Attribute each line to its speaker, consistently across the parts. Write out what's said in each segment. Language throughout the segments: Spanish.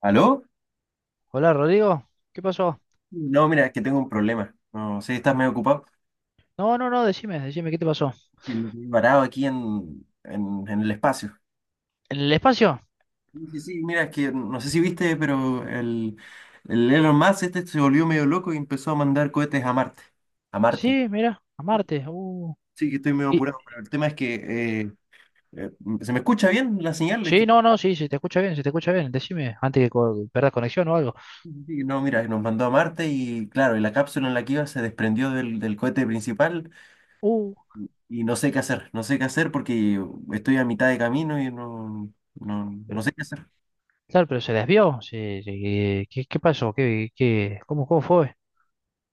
Speaker 1: ¿Aló?
Speaker 2: Hola, Rodrigo. ¿Qué pasó?
Speaker 1: No, mira, es que tengo un problema. No sé, estás medio ocupado.
Speaker 2: No, no, no, decime, decime, ¿qué te pasó?
Speaker 1: Que me quedé varado aquí en el espacio.
Speaker 2: ¿En el espacio?
Speaker 1: Sí, sí, sí, mira, es que no sé si viste, pero el Elon Musk este se volvió medio loco y empezó a mandar cohetes a Marte. A Marte.
Speaker 2: Sí, mira, a Marte.
Speaker 1: Sí, que estoy medio
Speaker 2: Y,
Speaker 1: apurado, pero el tema es que eh, eh, se me escucha bien la señal. Es
Speaker 2: sí,
Speaker 1: que,
Speaker 2: no, no, sí, sí, te escucha bien, se te escucha bien. Decime, antes que perdas conexión o algo.
Speaker 1: sí, sí, sí, no, mira, nos mandó a Marte y claro, y la cápsula en la que iba se desprendió del cohete principal.
Speaker 2: Uh,
Speaker 1: Y no sé qué hacer, no sé qué hacer porque estoy a mitad de camino y no
Speaker 2: pero,
Speaker 1: sé qué hacer.
Speaker 2: claro, pero se desvió. Sí, sí, qué pasó? Cómo fue?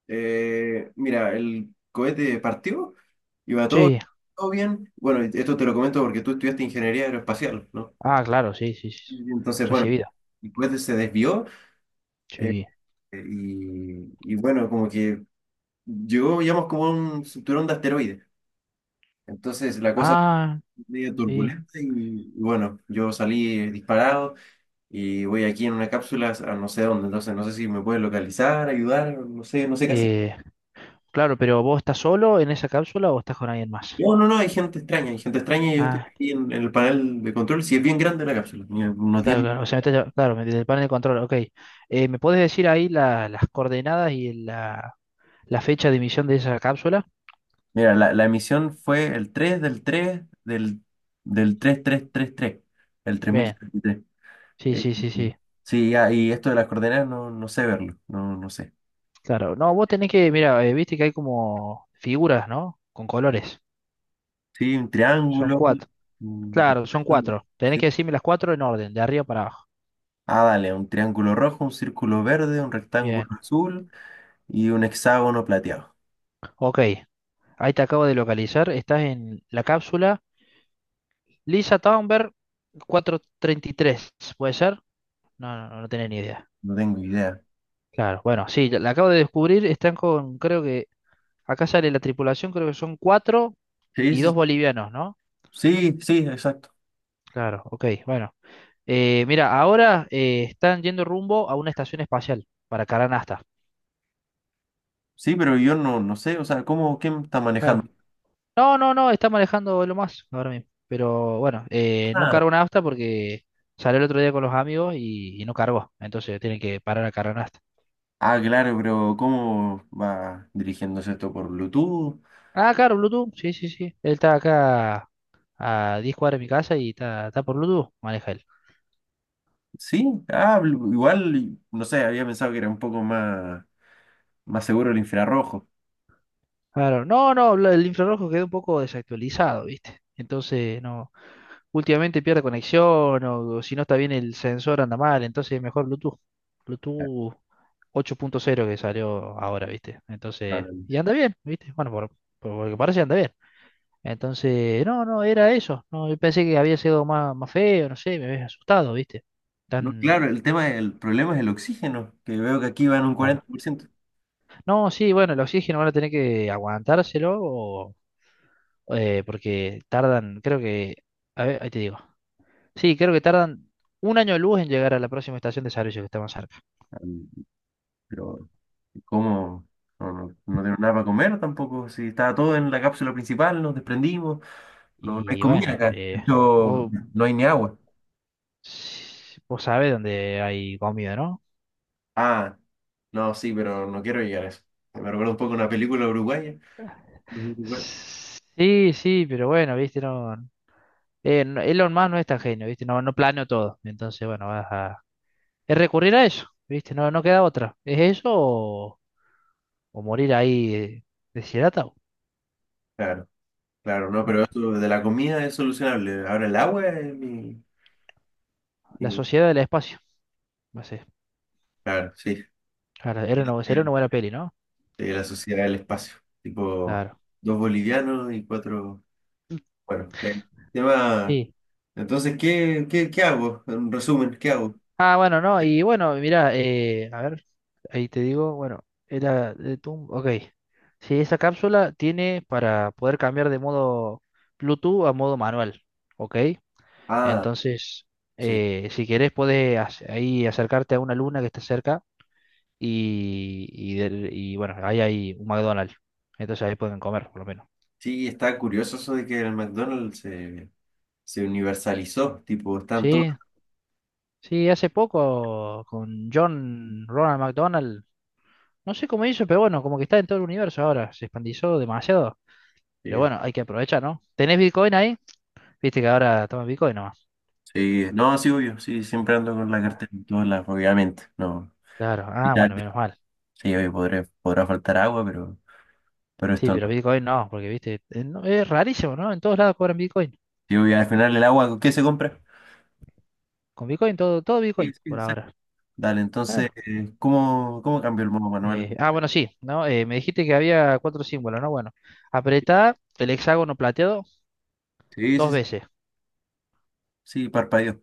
Speaker 1: Mira, el cohete partió, iba todo,
Speaker 2: Sí.
Speaker 1: todo bien. Bueno, esto te lo comento porque tú estudiaste ingeniería aeroespacial, ¿no?
Speaker 2: Ah, claro, sí, sí, sí.
Speaker 1: Y entonces, bueno,
Speaker 2: Recibida.
Speaker 1: el cohete se desvió, eh,
Speaker 2: Sí.
Speaker 1: y bueno, como que llegó, digamos, como a un cinturón de asteroides. Entonces la cosa
Speaker 2: Ah,
Speaker 1: medio
Speaker 2: sí.
Speaker 1: turbulenta y bueno, yo salí disparado. Y voy aquí en una cápsula a no sé dónde, entonces no sé si me pueden localizar, ayudar, no sé, no sé qué hacer.
Speaker 2: Eh, claro, pero ¿vos estás solo en esa cápsula o estás con alguien más?
Speaker 1: No, no, no, hay gente extraña y yo estoy
Speaker 2: Ah.
Speaker 1: aquí en el panel de control, si es bien grande la cápsula, mira, unos diez.
Speaker 2: Claro, claro, o sea, claro, desde el panel de control, ok. ¿Me puedes decir ahí las coordenadas y la fecha de emisión de esa cápsula?
Speaker 1: Mira, la emisión fue el tres del 3 del tres tres tres tres, el
Speaker 2: Bien,
Speaker 1: 3033.
Speaker 2: sí,
Speaker 1: Eh,
Speaker 2: sí, sí,
Speaker 1: eh,
Speaker 2: sí,
Speaker 1: sí, ah, y esto de las coordenadas no, no sé verlo, no, no sé.
Speaker 2: claro. No, vos tenés que, mira, viste que hay como figuras, ¿no? Con colores.
Speaker 1: Sí, un
Speaker 2: Son
Speaker 1: triángulo,
Speaker 2: cuatro.
Speaker 1: un
Speaker 2: Claro, son
Speaker 1: rectángulo,
Speaker 2: cuatro. Tenés
Speaker 1: sí.
Speaker 2: que decirme las cuatro en orden, de arriba para abajo.
Speaker 1: Ah, dale, un triángulo rojo, un círculo verde, un rectángulo
Speaker 2: Bien,
Speaker 1: azul. Y un hexágono plateado.
Speaker 2: ok. Ahí te acabo de localizar. Estás en la cápsula Lisa Thunberg 433, ¿puede ser? No, no, no tenía ni idea.
Speaker 1: No tengo idea.
Speaker 2: Claro, bueno, sí, la acabo de descubrir, están con, creo que, acá sale la tripulación, creo que son cuatro
Speaker 1: Sí,
Speaker 2: y
Speaker 1: sí,
Speaker 2: dos bolivianos, ¿no?
Speaker 1: sí, sí, exacto.
Speaker 2: Claro, ok, bueno. Mira, ahora están yendo rumbo a una estación espacial para Caranasta.
Speaker 1: Sí, pero yo no, no sé, o sea, ¿cómo, quién está
Speaker 2: Claro.
Speaker 1: manejando?
Speaker 2: No, no, no, está manejando lo más ahora mismo. Pero bueno, no
Speaker 1: Ah,
Speaker 2: cargó nafta porque salió el otro día con los amigos y, no cargó. Entonces tienen que parar a cargar Caranasta.
Speaker 1: ah, claro, pero ¿cómo va dirigiéndose esto por Bluetooth?
Speaker 2: Ah, claro, Bluetooth, sí, sí, sí. Él está acá a 10 cuadras de mi casa y está, por Bluetooth, maneja él.
Speaker 1: Sí, igual, no sé, había pensado que era un poco más, más seguro el infrarrojo.
Speaker 2: Claro, no, no, el infrarrojo quedó un poco desactualizado, ¿viste? Entonces, no, últimamente pierde conexión o, si no está bien el sensor anda mal, entonces mejor Bluetooth.
Speaker 1: Ya,
Speaker 2: Bluetooth 8.0 que salió ahora, ¿viste? Entonces,
Speaker 1: claro.
Speaker 2: y anda bien, ¿viste? Bueno, por lo que parece anda bien. Entonces, no, no, era eso. No, yo pensé que había sido más, más feo, no sé, me había asustado, ¿viste?
Speaker 1: No,
Speaker 2: Tan,
Speaker 1: claro, el tema, el problema es el oxígeno, que veo que aquí van un cuarenta
Speaker 2: claro.
Speaker 1: por ciento
Speaker 2: No, sí, bueno, el oxígeno van a tener que aguantárselo o porque tardan, creo que, a ver, ahí te digo. Sí, creo que tardan un año de luz en llegar a la próxima estación de servicio que está más cerca.
Speaker 1: Pero, ¿cómo? No, no, no tenemos nada para comer tampoco. Si estaba todo en la cápsula principal, nos desprendimos. No, no hay
Speaker 2: Y
Speaker 1: comida
Speaker 2: bueno,
Speaker 1: acá. De hecho,
Speaker 2: vos,
Speaker 1: no hay ni agua.
Speaker 2: vos sabés dónde hay comida, ¿no?
Speaker 1: Ah, no, sí, pero no quiero llegar a eso. Me recuerda un poco una película uruguaya. Los uruguayos.
Speaker 2: Sí, sí, pero bueno, viste, no, Elon Musk no es tan genio, viste, no, no planeó todo. Entonces, bueno, vas a es recurrir a eso, viste, no, no queda otra. ¿Es eso o, morir ahí deshidratado?
Speaker 1: Claro, claro, no, pero
Speaker 2: Bueno,
Speaker 1: eso de la comida es solucionable. Ahora el agua es mi,
Speaker 2: la
Speaker 1: mi-
Speaker 2: sociedad del espacio, no sé.
Speaker 1: Claro, sí.
Speaker 2: Claro, era una, sería una buena peli, ¿no?
Speaker 1: Sí, la sociedad del espacio. Tipo,
Speaker 2: Claro,
Speaker 1: dos bolivianos y cuatro. Bueno, el tema.
Speaker 2: sí.
Speaker 1: Entonces, ¿qué, qué, qué hago? En resumen, ¿qué hago?
Speaker 2: Ah, bueno, no, y bueno, mira, a ver, ahí te digo, bueno, era de Tum, ok. Sí, esa cápsula tiene para poder cambiar de modo Bluetooth a modo manual, ok.
Speaker 1: Ah,
Speaker 2: Entonces,
Speaker 1: sí.
Speaker 2: si querés, podés ahí acercarte a una luna que está cerca y bueno, ahí hay un McDonald's. Entonces ahí pueden comer, por lo menos.
Speaker 1: Sí, está curioso eso de que el McDonald's se, se universalizó, tipo, están todos.
Speaker 2: Sí, sí, hace poco con John Ronald McDonald. No sé cómo hizo, pero bueno, como que está en todo el universo ahora. Se expandizó demasiado.
Speaker 1: Sí,
Speaker 2: Pero bueno, hay que aprovechar, ¿no? ¿Tenés Bitcoin ahí? Viste que ahora toma Bitcoin nomás.
Speaker 1: sí, no, sí, obvio, sí, siempre ando con la cartera en todos lados, obviamente, no.
Speaker 2: Claro. Ah,
Speaker 1: Vital.
Speaker 2: bueno, menos mal.
Speaker 1: Sí, obvio, podré, podrá faltar agua, pero
Speaker 2: Sí,
Speaker 1: esto
Speaker 2: pero
Speaker 1: no.
Speaker 2: Bitcoin no, porque viste, es rarísimo, ¿no? En todos lados cobran Bitcoin.
Speaker 1: Sí, obvio, al final el agua, ¿qué se compra?
Speaker 2: Con Bitcoin, todo
Speaker 1: Sí,
Speaker 2: Bitcoin
Speaker 1: sí,
Speaker 2: por
Speaker 1: exacto.
Speaker 2: ahora.
Speaker 1: Dale, entonces,
Speaker 2: Claro.
Speaker 1: ¿cómo, cómo cambió el modo manual?
Speaker 2: Bueno, sí, ¿no? Me dijiste que había cuatro símbolos, ¿no? Bueno, apretá el hexágono plateado
Speaker 1: Sí, sí,
Speaker 2: dos
Speaker 1: sí,
Speaker 2: veces.
Speaker 1: sí, parpadeó.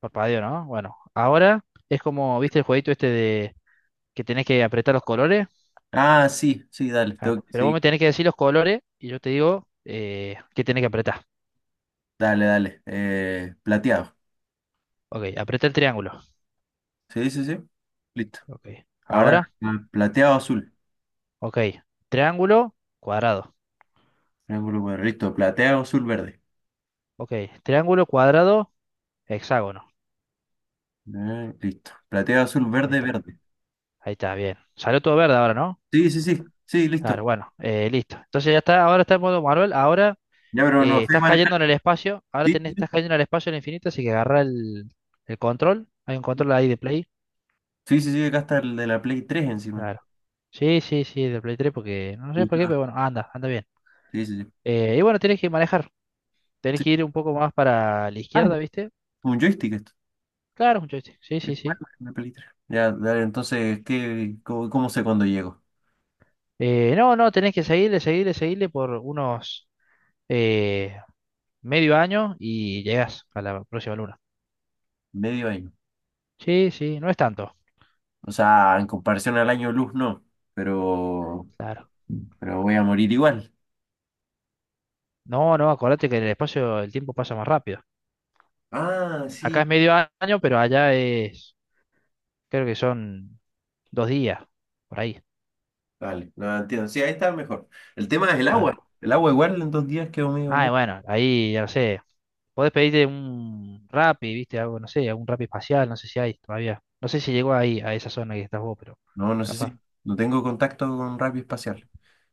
Speaker 2: Parpadeo, ¿no? Bueno, ahora es como, ¿viste el jueguito este de que tenés que apretar los colores?
Speaker 1: Ah, sí, sí, dale, tengo
Speaker 2: Claro.
Speaker 1: que
Speaker 2: Pero vos
Speaker 1: seguir.
Speaker 2: me tenés que decir los colores y yo te digo qué tenés que apretar.
Speaker 1: Dale, dale. Plateado.
Speaker 2: Ok, apreté el triángulo.
Speaker 1: Sí, sí, sí. Listo.
Speaker 2: Ok.
Speaker 1: Ahora,
Speaker 2: Ahora,
Speaker 1: ah, plateado azul.
Speaker 2: ok. Triángulo, cuadrado.
Speaker 1: Triángulo cuadrado. Listo. Plateado azul verde.
Speaker 2: Ok. Triángulo, cuadrado, hexágono.
Speaker 1: Listo. Plateado azul
Speaker 2: Ahí
Speaker 1: verde
Speaker 2: está.
Speaker 1: verde.
Speaker 2: Ahí está, bien. Salió todo verde ahora, ¿no?
Speaker 1: Sí, sí, sí. Sí,
Speaker 2: Claro,
Speaker 1: listo.
Speaker 2: bueno, listo. Entonces ya está, ahora está en modo Marvel. Ahora
Speaker 1: Ya, pero no sé
Speaker 2: estás
Speaker 1: manejar.
Speaker 2: cayendo en el espacio. Ahora
Speaker 1: Sí,
Speaker 2: tenés,
Speaker 1: sí, sí.
Speaker 2: estás cayendo en el espacio en el infinito, así que agarra el, control. Hay un control ahí de Play.
Speaker 1: Sí, sí, sí, acá está el de la Play 3 encima.
Speaker 2: Claro. Sí, sí, sí, de Play 3, porque no
Speaker 1: ¿Te
Speaker 2: sé por qué,
Speaker 1: gusta?
Speaker 2: pero bueno, anda bien.
Speaker 1: Sí, sí, sí.
Speaker 2: Y bueno, tienes que manejar. Tenés
Speaker 1: Sí.
Speaker 2: que ir un poco más para la
Speaker 1: Ah, ya,
Speaker 2: izquierda, ¿viste?
Speaker 1: un joystick esto.
Speaker 2: Claro, es un joystick. Sí, sí,
Speaker 1: El
Speaker 2: sí.
Speaker 1: cuadro de la Play 3. Ya, dale. Entonces, ¿qué, cómo, cómo sé cuándo llego?
Speaker 2: No, no, tenés que seguirle, seguirle, seguirle por unos eh, medio año y llegás a la próxima luna.
Speaker 1: Medio año.
Speaker 2: Sí, sí, no es tanto.
Speaker 1: O sea, en comparación al año luz, no. Pero,
Speaker 2: Claro.
Speaker 1: pero voy a morir igual.
Speaker 2: No, no, acordate que en el espacio el tiempo pasa más rápido.
Speaker 1: Ah,
Speaker 2: Acá es
Speaker 1: sí.
Speaker 2: medio año, pero allá es, creo que son dos días, por ahí.
Speaker 1: Vale, no entiendo. Sí, ahí está mejor. El tema es el agua.
Speaker 2: Claro.
Speaker 1: El agua igual en dos días quedó medio...
Speaker 2: Ah, y
Speaker 1: mu-
Speaker 2: bueno, ahí ya no sé. Podés pedirte un Rappi, ¿viste? Algo, no sé, algún Rappi espacial, no sé si hay todavía. No sé si llegó ahí, a esa zona que estás vos, pero
Speaker 1: No, no sé
Speaker 2: capaz.
Speaker 1: si... No tengo contacto con radio espacial.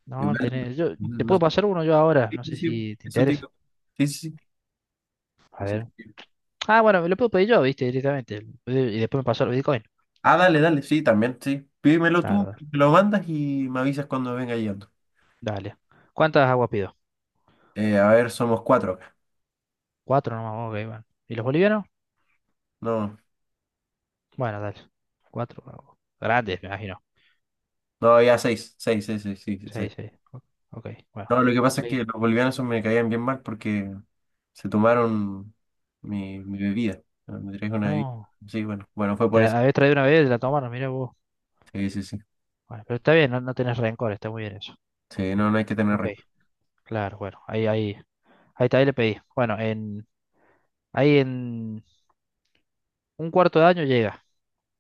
Speaker 2: No, no
Speaker 1: Igual...
Speaker 2: tenés. Yo, te
Speaker 1: No
Speaker 2: puedo
Speaker 1: sé.
Speaker 2: pasar uno yo ahora,
Speaker 1: Sí,
Speaker 2: no
Speaker 1: sí,
Speaker 2: sé
Speaker 1: sí,
Speaker 2: si te
Speaker 1: eso te
Speaker 2: interesa.
Speaker 1: digo. Sí, sí,
Speaker 2: A
Speaker 1: sí. Sí.
Speaker 2: ver.
Speaker 1: Sí.
Speaker 2: Ah, bueno, me lo puedo pedir yo, ¿viste? Directamente. Y después me pasó el Bitcoin.
Speaker 1: Ah, dale, dale. Sí, también, sí. Pídemelo
Speaker 2: Claro,
Speaker 1: tú,
Speaker 2: dale.
Speaker 1: me lo mandas y me avisas cuando venga llegando.
Speaker 2: Dale. ¿Cuántas aguas pido?
Speaker 1: A ver, somos cuatro acá.
Speaker 2: Cuatro nomás, ok, bueno. ¿Y los bolivianos?
Speaker 1: No,
Speaker 2: Bueno, dale. Cuatro aguas. Grandes, me imagino.
Speaker 1: no, ya seis. Seis, seis, seis, sí, sí, seis.
Speaker 2: Seis, seis. Ok, bueno.
Speaker 1: No, lo que pasa es que
Speaker 2: Sí.
Speaker 1: los bolivianos esos me caían bien mal porque se tomaron mi bebida. ¿No? Me trajeron una bebida.
Speaker 2: No.
Speaker 1: Sí, bueno, bueno, fue por
Speaker 2: Te
Speaker 1: eso.
Speaker 2: habías traído una vez, la tomaron, mira vos.
Speaker 1: Sí, sí, sí.
Speaker 2: Bueno, pero está bien, no, no tenés rencor, está muy bien eso.
Speaker 1: Sí, no, no hay que tener
Speaker 2: Ok,
Speaker 1: rencor.
Speaker 2: claro, bueno, ahí también le pedí. Bueno, ahí en un cuarto de año llega.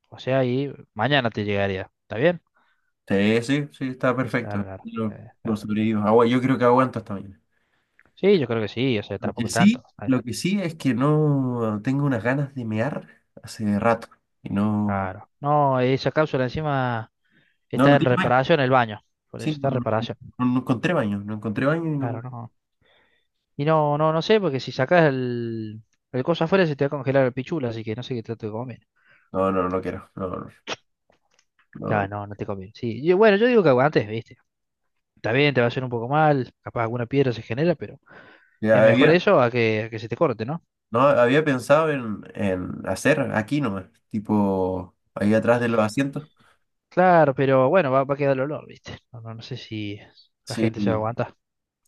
Speaker 2: O sea, ahí mañana te llegaría. ¿Está bien?
Speaker 1: Sí, sí, sí, está perfecto.
Speaker 2: Claro, claro.
Speaker 1: Lo
Speaker 2: Claro.
Speaker 1: sobrevivo. Agua, yo creo que aguanto hasta mañana.
Speaker 2: Sí, yo creo que sí, o sea, tampoco es tanto.
Speaker 1: Lo que sí es que no tengo unas ganas de mear hace rato. Y no,
Speaker 2: Claro. No, esa cápsula encima
Speaker 1: no,
Speaker 2: está
Speaker 1: no
Speaker 2: en
Speaker 1: tiene baño.
Speaker 2: reparación el baño. Por
Speaker 1: Sí,
Speaker 2: eso está
Speaker 1: no,
Speaker 2: en
Speaker 1: no-
Speaker 2: reparación.
Speaker 1: no no encontré baño, no encontré baño y
Speaker 2: Claro,
Speaker 1: no.
Speaker 2: no. Y no, no, no sé, porque si sacas el, cosa afuera se te va a congelar el pichula, así que no sé qué trato de comer.
Speaker 1: No, no, no quiero. No, no,
Speaker 2: Ya,
Speaker 1: no.
Speaker 2: no, no te conviene. Sí, yo bueno, yo digo que aguantes, ¿viste? Está bien, te va a hacer un poco mal, capaz alguna piedra se genera, pero. Es
Speaker 1: Ya,
Speaker 2: mejor
Speaker 1: había,
Speaker 2: eso a que, se te corte, ¿no?
Speaker 1: no, había pensado en hacer aquí nomás, tipo ahí atrás de los asientos.
Speaker 2: Claro, pero bueno, va a quedar el olor, ¿viste? No, no, no sé si la gente se va a
Speaker 1: Sí,
Speaker 2: aguantar.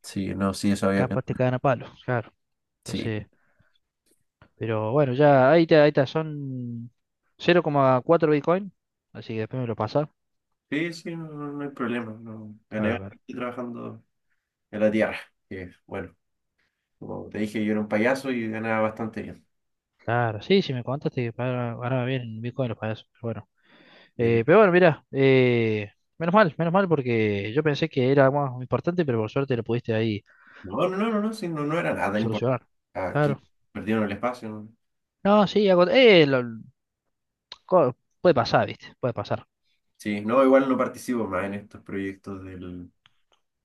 Speaker 1: sí, no, sí, eso había
Speaker 2: Capaz te
Speaker 1: pensado.
Speaker 2: cagan a palo, claro.
Speaker 1: Sí.
Speaker 2: Entonces, pero bueno, ya ahí está, son 0,4 Bitcoin. Así que después me lo pasa.
Speaker 1: Sí, sí, no, no- no hay problema. No. Gané
Speaker 2: Claro, claro.
Speaker 1: bastante trabajando en la tierra. Que, bueno, como te dije, yo era un payaso y ganaba bastante bien.
Speaker 2: Claro, sí, si me contaste que ganaba bien en Bitcoin los payasos.
Speaker 1: Bien.
Speaker 2: Pero bueno, mira, menos mal porque yo pensé que era más importante, pero por suerte lo pudiste ahí
Speaker 1: No, no, no, no, no, sí, no, no era nada importante.
Speaker 2: solucionar.
Speaker 1: Aquí
Speaker 2: Claro.
Speaker 1: perdieron el espacio. ¿No?
Speaker 2: No, sí, hago, co- puede pasar, ¿viste? Puede pasar.
Speaker 1: Sí, no, igual no participo más en estos proyectos del,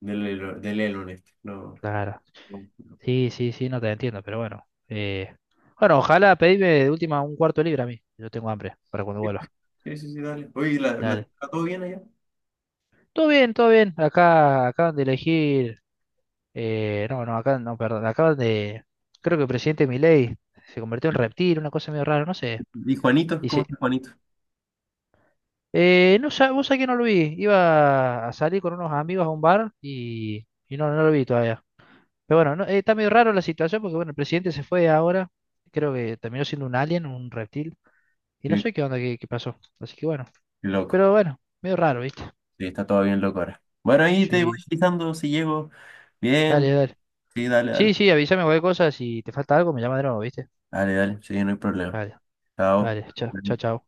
Speaker 1: del, del Elon este. No.
Speaker 2: Claro.
Speaker 1: No. No.
Speaker 2: Sí, sí, sí, no te entiendo, pero bueno. Bueno, ojalá pedime de última un cuarto de libra a mí. Yo tengo hambre para cuando vuelva.
Speaker 1: Sí, sí, sí, dale. Oye, ¿la, la,
Speaker 2: Dale.
Speaker 1: está todo bien allá?
Speaker 2: Todo bien, todo bien. Acá acaban de elegir. No, no, acá no, perdón. Acaban de. Creo que el presidente Milei se convirtió en reptil, una cosa medio rara, no sé.
Speaker 1: ¿Y Juanito? ¿Cómo
Speaker 2: Dice.
Speaker 1: está Juanito?
Speaker 2: No, vos sabés que no lo vi. Iba a salir con unos amigos a un bar y, no, no lo vi todavía. Pero bueno, no, está medio raro la situación porque bueno, el presidente se fue ahora. Creo que terminó siendo un alien, un reptil. Y no
Speaker 1: Qué,
Speaker 2: sé qué onda, qué pasó. Así que bueno.
Speaker 1: qué loco.
Speaker 2: Pero bueno, medio raro, ¿viste?
Speaker 1: Sí, está todo bien loco ahora. Bueno, ahí te voy
Speaker 2: Sí, sí.
Speaker 1: avisando si llego. Bien.
Speaker 2: Dale, dale.
Speaker 1: Sí, dale,
Speaker 2: Sí,
Speaker 1: dale.
Speaker 2: sí, avísame cualquier cosa. Si te falta algo, me llama de nuevo, ¿viste?
Speaker 1: Dale, dale. Sí, no hay problema.
Speaker 2: Dale,
Speaker 1: Chao.
Speaker 2: dale. Chao, chao, chao.